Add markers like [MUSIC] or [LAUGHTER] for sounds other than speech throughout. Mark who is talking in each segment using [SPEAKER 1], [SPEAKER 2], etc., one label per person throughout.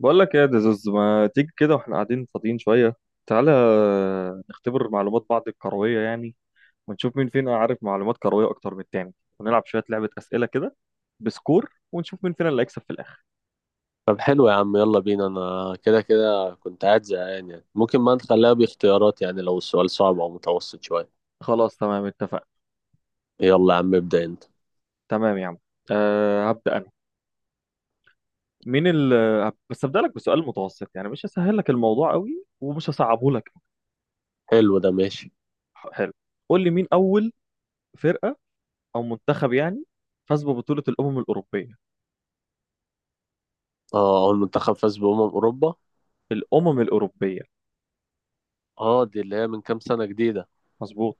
[SPEAKER 1] بقول لك ايه يا دزوز؟ ما تيجي كده واحنا قاعدين فاضيين شويه، تعالى نختبر معلومات بعض الكرويه يعني، ونشوف مين فينا عارف معلومات كرويه اكتر من التاني، ونلعب شويه لعبه اسئله كده بسكور، ونشوف مين فينا اللي هيكسب في الاخر.
[SPEAKER 2] طب حلو يا عم، يلا بينا. انا كده كده كنت قاعد زهقان، يعني ممكن ما نخليها باختيارات، يعني لو السؤال صعب او متوسط شوية.
[SPEAKER 1] خلاص تمام، اتفقنا.
[SPEAKER 2] يلا يا عم، ابدأ انت.
[SPEAKER 1] تمام يا عم. هبدا انا. مين ال بس هبدا لك بسؤال متوسط يعني، مش هسهل لك الموضوع قوي ومش هصعبه لك.
[SPEAKER 2] حلو، ده ماشي.
[SPEAKER 1] حلو. قول لي مين اول فرقه او منتخب يعني فاز ببطوله الامم الاوروبيه؟
[SPEAKER 2] اه، اول منتخب فاز بأمم اوروبا.
[SPEAKER 1] الامم الاوروبيه،
[SPEAKER 2] اه، دي اللي هي من كام سنة جديدة.
[SPEAKER 1] مظبوط.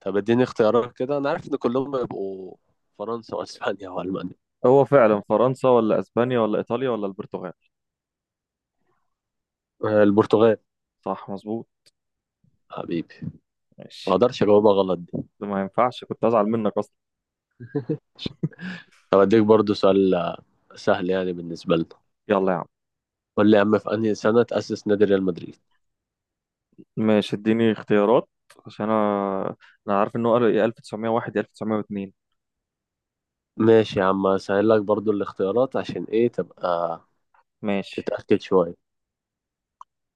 [SPEAKER 2] طب اديني اختيارات كده. انا عارف ان كلهم يبقوا فرنسا واسبانيا والمانيا.
[SPEAKER 1] هو فعلا فرنسا ولا اسبانيا ولا ايطاليا ولا البرتغال؟
[SPEAKER 2] البرتغال.
[SPEAKER 1] صح مظبوط.
[SPEAKER 2] حبيبي. ما
[SPEAKER 1] ماشي،
[SPEAKER 2] اقدرش اجاوبها غلط دي.
[SPEAKER 1] ده ما ينفعش، كنت ازعل منك اصلا.
[SPEAKER 2] طب اديك برضو سؤال، سهل يعني بالنسبة لنا.
[SPEAKER 1] يلا يا عم.
[SPEAKER 2] قول لي يا عم، في انهي سنة تأسس نادي ريال مدريد؟
[SPEAKER 1] ماشي، اديني اختيارات، عشان انا عارف انه قال يا 1901 يا 1902.
[SPEAKER 2] ماشي يا عم، هسهل لك برضو الاختيارات عشان ايه، تبقى
[SPEAKER 1] ماشي.
[SPEAKER 2] تتأكد شوية.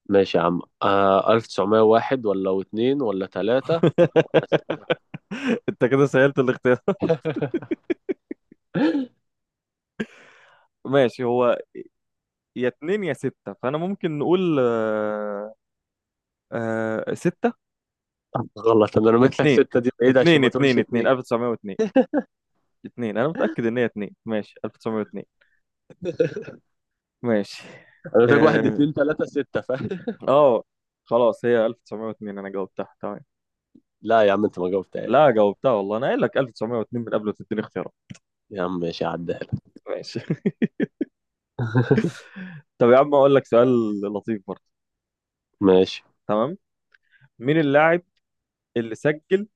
[SPEAKER 2] ماشي يا عم، آه، 1901 ولا واتنين ولا تلاتة ولا ستة؟
[SPEAKER 1] [LAUGHS] انت كده سهلت الاختيار.
[SPEAKER 2] [LAUGHS]
[SPEAKER 1] [LAUGHS] ماشي، هو يا اتنين يا ستة، فانا ممكن نقول ستة.
[SPEAKER 2] غلط. انا رميت لك
[SPEAKER 1] اتنين
[SPEAKER 2] ستة دي بعيد عشان
[SPEAKER 1] اتنين
[SPEAKER 2] ما تقولش
[SPEAKER 1] اتنين اتنين
[SPEAKER 2] اتنين.
[SPEAKER 1] 1902. اتنين، انا متأكد ان هي اتنين، ماشي 1902.
[SPEAKER 2] [LAUGHS]
[SPEAKER 1] ماشي.
[SPEAKER 2] انا قلت لك واحد
[SPEAKER 1] آه...
[SPEAKER 2] اتنين تلاتة ستة، فاهم؟
[SPEAKER 1] اه خلاص هي 1902، انا جاوبتها تمام.
[SPEAKER 2] [LAUGHS] لا يا عم، انت ما جاوبتهاش.
[SPEAKER 1] لا جاوبتها والله، انا قايل لك 1902 من قبل ما تديني اختيارات.
[SPEAKER 2] يا عم ماشي، عدها لك.
[SPEAKER 1] ماشي. [LAUGHS]
[SPEAKER 2] [LAUGHS]
[SPEAKER 1] طب يا عم، اقول لك سؤال لطيف برضه.
[SPEAKER 2] ماشي.
[SPEAKER 1] تمام. مين اللاعب اللي سجل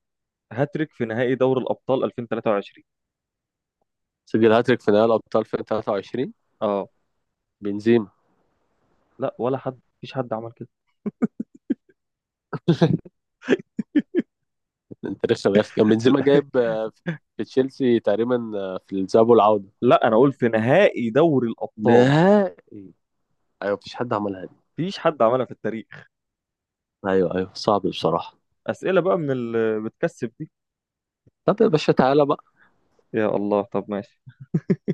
[SPEAKER 1] هاتريك في نهائي دوري الابطال 2023؟
[SPEAKER 2] سجل هاتريك في نهائي الابطال في 2023؟
[SPEAKER 1] اه.
[SPEAKER 2] بنزيما.
[SPEAKER 1] لا، ولا حد، مفيش حد عمل كده.
[SPEAKER 2] انت لسه ما عرفت. كان بنزيما جايب
[SPEAKER 1] [LAUGHS]
[SPEAKER 2] في تشيلسي تقريبا، في الذهاب والعودة.
[SPEAKER 1] لا انا اقول في نهائي دوري الابطال.
[SPEAKER 2] نهائي. ايوه، مفيش حد عملها.
[SPEAKER 1] مفيش حد عملها في التاريخ.
[SPEAKER 2] ايوه، ايوه، صعب بصراحة.
[SPEAKER 1] اسئله بقى من اللي بتكسب دي.
[SPEAKER 2] طب يا باشا، تعالى بقى.
[SPEAKER 1] يا الله، طب ماشي.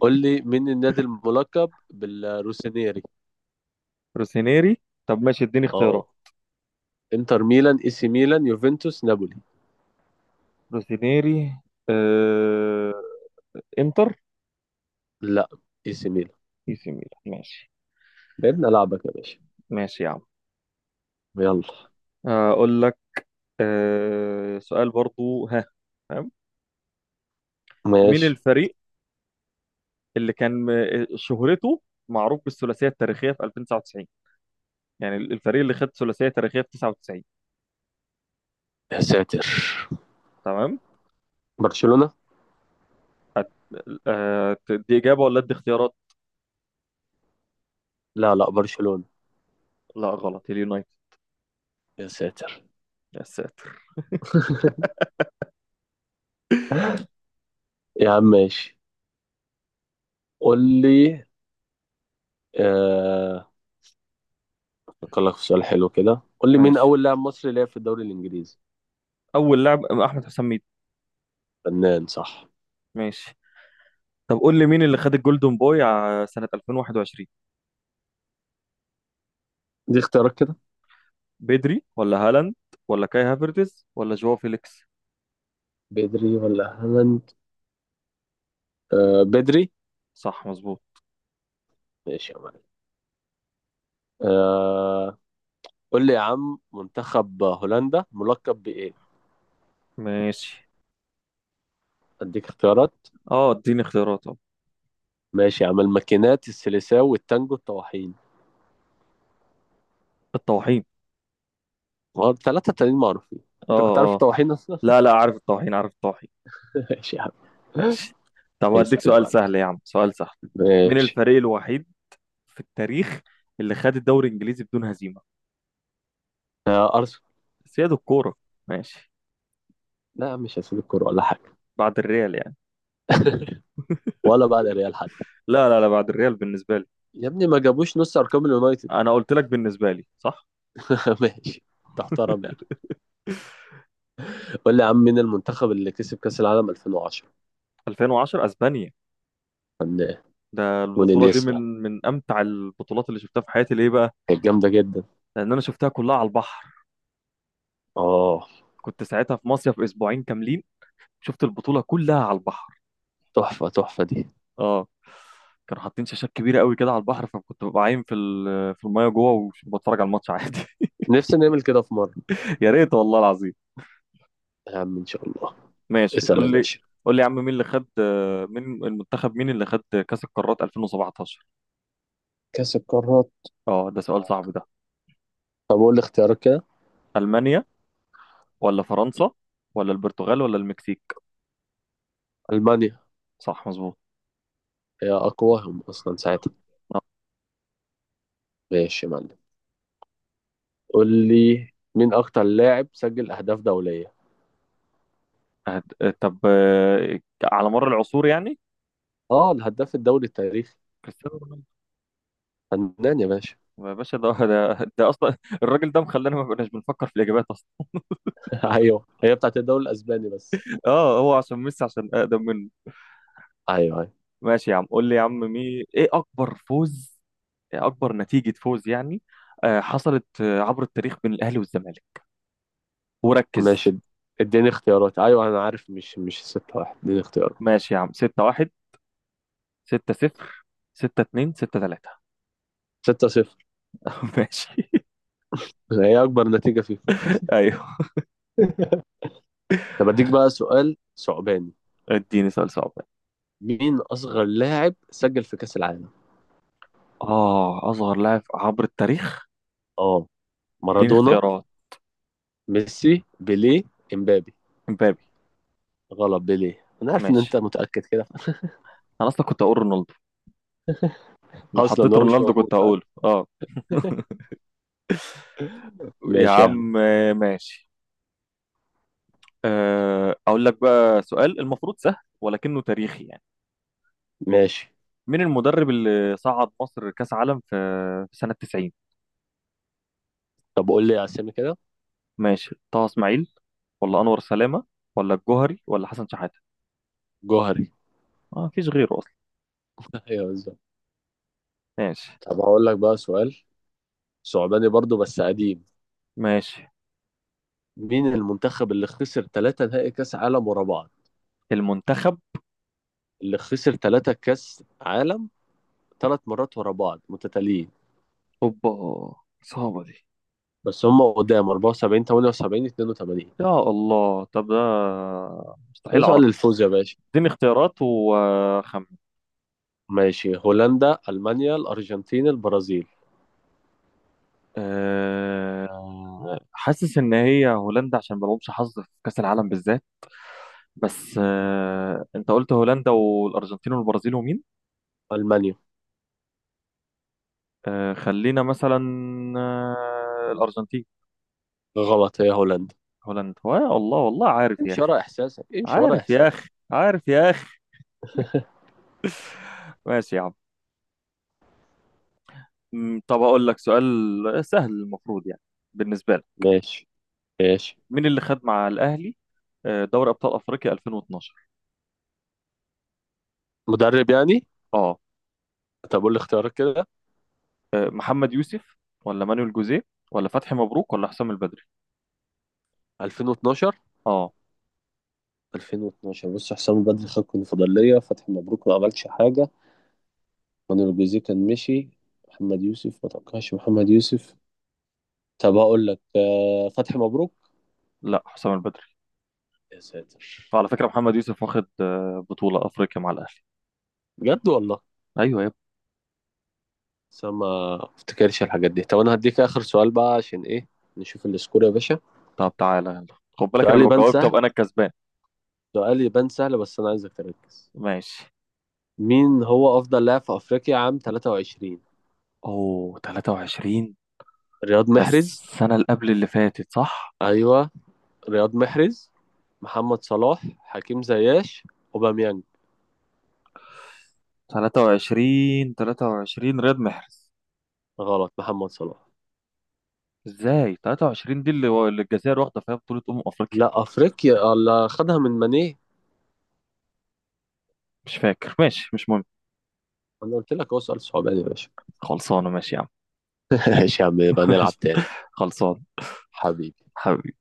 [SPEAKER 2] قول لي مين النادي الملقب بالروسينيري؟
[SPEAKER 1] روسينيري. طب ماشي، اديني اختيارات.
[SPEAKER 2] اه. انتر ميلان، اي سي ميلان، يوفنتوس، نابولي.
[SPEAKER 1] روسينيري، آه... انتر.
[SPEAKER 2] لا. اي سي ميلان.
[SPEAKER 1] اي سي ميلان، ماشي.
[SPEAKER 2] لعبنا لعبك يا باشا.
[SPEAKER 1] ماشي يا عم.
[SPEAKER 2] يلا.
[SPEAKER 1] اقول لك سؤال برضو، ها. تمام. مين
[SPEAKER 2] ماشي.
[SPEAKER 1] الفريق اللي كان شهرته معروف بالثلاثيه التاريخيه في 2099، يعني الفريق اللي خد ثلاثيه تاريخيه في 99؟
[SPEAKER 2] يا ساتر.
[SPEAKER 1] تمام.
[SPEAKER 2] برشلونة.
[SPEAKER 1] أه دي اجابه ولا ادي اختيارات؟
[SPEAKER 2] لا، لا، برشلونة.
[SPEAKER 1] لا غلط، اليونايتد.
[SPEAKER 2] يا ساتر.
[SPEAKER 1] يا ساتر.
[SPEAKER 2] [LAUGHS] يا عم ماشي. قول لي، آه... أفكر لك في سؤال حلو كده. قول لي مين
[SPEAKER 1] ماشي.
[SPEAKER 2] أول لاعب مصري لعب في الدوري الإنجليزي؟
[SPEAKER 1] اول لاعب احمد حسام ميدو.
[SPEAKER 2] فنان، صح.
[SPEAKER 1] ماشي. طب قول لي مين اللي خد الجولدن بوي سنه 2021؟
[SPEAKER 2] دي اختيارات كده؟
[SPEAKER 1] بدري ولا هالاند ولا كاي هافرتز ولا جواو فيليكس؟
[SPEAKER 2] بدري ولا هالاند؟ آه، بدري.
[SPEAKER 1] صح مظبوط.
[SPEAKER 2] ماشي يا معلم. آه. قول لي يا عم، منتخب هولندا ملقب بإيه؟
[SPEAKER 1] ماشي.
[SPEAKER 2] أديك اختيارات.
[SPEAKER 1] اه، اديني اختيارات، اه.
[SPEAKER 2] ماشي يا عم، الماكينات، السيليساو، والتانجو، الطواحين.
[SPEAKER 1] الطواحين.
[SPEAKER 2] هو الثلاثة التانيين معروفين. أنت
[SPEAKER 1] اه
[SPEAKER 2] كنت عارف
[SPEAKER 1] اه.
[SPEAKER 2] الطواحين أصلا؟
[SPEAKER 1] لا لا، عارف الطواحين، عارف الطواحين.
[SPEAKER 2] [LAUGHS] ماشي يا عم.
[SPEAKER 1] ماشي. طب هديك
[SPEAKER 2] اسأل يا
[SPEAKER 1] سؤال
[SPEAKER 2] معلم.
[SPEAKER 1] سهل يا عم، سؤال سهل. مين
[SPEAKER 2] ماشي.
[SPEAKER 1] الفريق الوحيد في التاريخ اللي خد الدوري الانجليزي بدون هزيمه؟
[SPEAKER 2] آه، أرسنال.
[SPEAKER 1] سيادة الكوره. ماشي.
[SPEAKER 2] لا يا عم، مش هسيب الكورة ولا حاجة.
[SPEAKER 1] بعد الريال يعني.
[SPEAKER 2] [LAUGHS] ولا بعد ريال حتى.
[SPEAKER 1] لا لا لا، بعد الريال بالنسبه لي.
[SPEAKER 2] يا ابني، ما جابوش نص أرقام اليونايتد.
[SPEAKER 1] انا قلت لك بالنسبه لي، صح.
[SPEAKER 2] [LAUGHS] ماشي. تحترم يعني. قول لي يا عم مين المنتخب اللي كسب كأس العالم 2010؟
[SPEAKER 1] 2010 اسبانيا.
[SPEAKER 2] فنان.
[SPEAKER 1] ده البطوله دي من
[SPEAKER 2] ونيستا.
[SPEAKER 1] من امتع البطولات اللي شفتها في حياتي، ليه بقى؟
[SPEAKER 2] كانت جامدة جدا.
[SPEAKER 1] لان انا شفتها كلها على البحر.
[SPEAKER 2] اه.
[SPEAKER 1] كنت ساعتها في مصيف اسبوعين كاملين. شفت البطوله كلها على البحر.
[SPEAKER 2] تحفة تحفة دي.
[SPEAKER 1] اه. كانوا حاطين شاشات كبيره قوي كده على البحر، فكنت ببقى عايم في المايه جوه وبتفرج على الماتش عادي.
[SPEAKER 2] نفسي نعمل كده في مرة.
[SPEAKER 1] [LAUGHS] يا ريت والله العظيم.
[SPEAKER 2] يا عم، إن شاء الله.
[SPEAKER 1] ماشي،
[SPEAKER 2] اسأل يا
[SPEAKER 1] قول لي.
[SPEAKER 2] باشا.
[SPEAKER 1] قول لي يا عم مين اللي خد كاس القارات 2017؟
[SPEAKER 2] كأس القارات.
[SPEAKER 1] اه، ده سؤال صعب ده.
[SPEAKER 2] طب قول لي اختيارك كده.
[SPEAKER 1] المانيا ولا فرنسا ولا البرتغال ولا المكسيك؟
[SPEAKER 2] ألمانيا.
[SPEAKER 1] صح مظبوط.
[SPEAKER 2] هي أقواهم أصلا ساعتها.
[SPEAKER 1] آه،
[SPEAKER 2] ماشي يا معلم. قول لي مين أكتر لاعب سجل أهداف دولية.
[SPEAKER 1] طب على مر العصور يعني.
[SPEAKER 2] أه، الهداف الدولي التاريخي.
[SPEAKER 1] كريستيانو رونالدو.
[SPEAKER 2] فنان يا باشا.
[SPEAKER 1] يا باشا، ده اصلا [LAUGHS] الراجل ده مخلانا ما بقناش بنفكر في الاجابات اصلا.
[SPEAKER 2] [LAUGHS] أيوه، هي بتاعت الدوري الأسباني بس.
[SPEAKER 1] اه، هو عشان ميسي، عشان اقدم منه.
[SPEAKER 2] أيوه، أيوه.
[SPEAKER 1] ماشي يا عم، قول لي يا عم ايه اكبر فوز؟ إيه اكبر نتيجة فوز يعني حصلت عبر التاريخ بين الاهلي والزمالك؟ وركز.
[SPEAKER 2] ماشي، اديني اختيارات. أيوه أنا عارف. مش 6-1. اديني اختيارات.
[SPEAKER 1] ماشي يا عم. 6-1 6-0 6-2 6-3.
[SPEAKER 2] 6-0.
[SPEAKER 1] [LAUGHS] ماشي.
[SPEAKER 2] هي أكبر نتيجة فيفا.
[SPEAKER 1] ايوه.
[SPEAKER 2] [LAUGHS] طب أديك بقى سؤال صعباني.
[SPEAKER 1] اديني سؤال صعب.
[SPEAKER 2] مين أصغر لاعب سجل في كأس العالم؟
[SPEAKER 1] اه، اصغر لاعب عبر التاريخ.
[SPEAKER 2] اه.
[SPEAKER 1] اديني
[SPEAKER 2] مارادونا.
[SPEAKER 1] اختيارات.
[SPEAKER 2] ميسي، بيليه، امبابي.
[SPEAKER 1] امبابي.
[SPEAKER 2] غلط، بيليه. انا عارف ان انت
[SPEAKER 1] ماشي.
[SPEAKER 2] متأكد كده.
[SPEAKER 1] انا اصلا كنت هقول رونالدو، لو
[SPEAKER 2] اصلا
[SPEAKER 1] حطيت
[SPEAKER 2] هو مش
[SPEAKER 1] رونالدو
[SPEAKER 2] موجود،
[SPEAKER 1] كنت
[SPEAKER 2] صح.
[SPEAKER 1] هقوله اه. [LAUGHS] يا
[SPEAKER 2] ماشي يا عم.
[SPEAKER 1] عم ماشي. اقول لك بقى سؤال المفروض سهل، ولكنه تاريخي يعني.
[SPEAKER 2] ماشي.
[SPEAKER 1] مين المدرب اللي صعد مصر كأس عالم في سنة 90؟
[SPEAKER 2] طب قول لي اسامي كده.
[SPEAKER 1] ماشي، طه اسماعيل ولا انور سلامة ولا الجوهري ولا حسن شحاتة؟
[SPEAKER 2] جوهري.
[SPEAKER 1] اه، مفيش غيره اصلا.
[SPEAKER 2] [LAUGHS] ايوه، بالظبط.
[SPEAKER 1] ماشي.
[SPEAKER 2] طب هقول لك بقى سؤال صعباني برضو، بس قديم.
[SPEAKER 1] ماشي.
[SPEAKER 2] مين المنتخب اللي خسر ثلاثة نهائي كأس عالم ورا بعض؟
[SPEAKER 1] المنتخب.
[SPEAKER 2] اللي خسر ثلاثة كأس عالم، ثلاث مرات ورا بعض متتاليين.
[SPEAKER 1] اوبا، صعبة دي.
[SPEAKER 2] بس هم قدام 74، 78، 82.
[SPEAKER 1] يا الله، طب ده
[SPEAKER 2] ده
[SPEAKER 1] مستحيل اعرف.
[SPEAKER 2] سؤال الفوز يا باشا.
[SPEAKER 1] اديني اختيارات وخم.
[SPEAKER 2] ماشي. هولندا، ألمانيا، الأرجنتين، البرازيل.
[SPEAKER 1] حاسس ان هي هولندا عشان ما لهمش حظ في كأس العالم بالذات. بس انت قلت هولندا والارجنتين والبرازيل ومين؟
[SPEAKER 2] ألمانيا.
[SPEAKER 1] خلينا مثلا الأرجنتين.
[SPEAKER 2] غلط، هي هولندا.
[SPEAKER 1] هولندا، والله والله عارف يا
[SPEAKER 2] امشي
[SPEAKER 1] أخي،
[SPEAKER 2] ورا إحساسك، امشي ورا
[SPEAKER 1] عارف يا
[SPEAKER 2] إحساسك.
[SPEAKER 1] أخي، عارف يا أخي. ماشي يا عم. طب أقول لك سؤال سهل المفروض يعني بالنسبة لك.
[SPEAKER 2] ماشي. ماشي.
[SPEAKER 1] مين اللي خد مع الأهلي دوري أبطال أفريقيا 2012؟
[SPEAKER 2] مدرب يعني؟
[SPEAKER 1] اه.
[SPEAKER 2] طب قول لي اختيارات كده.
[SPEAKER 1] محمد يوسف ولا مانويل جوزيه ولا فتحي مبروك ولا حسام البدري؟
[SPEAKER 2] 2012؟
[SPEAKER 1] اه.
[SPEAKER 2] 2012. بص، حسام بدري خد الكونفدرالية، فتحي مبروك ما عملش حاجة. مانويل جوزيه كان مشي. محمد يوسف، ما توقعش محمد يوسف. طب هقول لك فتحي مبروك.
[SPEAKER 1] لا، حسام البدري.
[SPEAKER 2] يا ساتر.
[SPEAKER 1] فعلى فكرة محمد يوسف واخد بطولة أفريقيا مع الأهلي.
[SPEAKER 2] بجد والله.
[SPEAKER 1] أيوه يا ابني.
[SPEAKER 2] بس أنا ما افتكرش الحاجات دي. طب انا هديك اخر سؤال بقى عشان ايه، نشوف السكور يا باشا.
[SPEAKER 1] طب تعالى يلا. خد بالك أنا
[SPEAKER 2] سؤال
[SPEAKER 1] لو
[SPEAKER 2] يبان
[SPEAKER 1] جاوبت أبقى
[SPEAKER 2] سهل.
[SPEAKER 1] أنا الكسبان.
[SPEAKER 2] سؤال يبان سهل، بس انا عايزك تركز.
[SPEAKER 1] ماشي.
[SPEAKER 2] مين هو أفضل لاعب في أفريقيا عام 23؟
[SPEAKER 1] اوه، 23.
[SPEAKER 2] رياض
[SPEAKER 1] ده
[SPEAKER 2] محرز؟
[SPEAKER 1] السنة اللي قبل اللي فاتت، صح؟
[SPEAKER 2] أيوه. رياض محرز، محمد صلاح، حكيم زياش، أوباميانج.
[SPEAKER 1] 23 23 رياض محرز.
[SPEAKER 2] غلط، محمد صلاح.
[SPEAKER 1] ازاي، 23 دي اللي الجزائر واخدة فيها بطولة أمم أفريقيا.
[SPEAKER 2] لا، أفريقيا اللي خدها من ماني.
[SPEAKER 1] مش فاكر، ماشي مش مهم.
[SPEAKER 2] أنا قلت لك هو سؤال صعباني يا باشا.
[SPEAKER 1] خلصانة، ماشي يا عم.
[SPEAKER 2] [LAUGHS] ماشي يا عم، يبقى
[SPEAKER 1] [LAUGHS]
[SPEAKER 2] نلعب
[SPEAKER 1] ماشي.
[SPEAKER 2] تاني.
[SPEAKER 1] خلصان.
[SPEAKER 2] حبيبي.
[SPEAKER 1] حبيبي.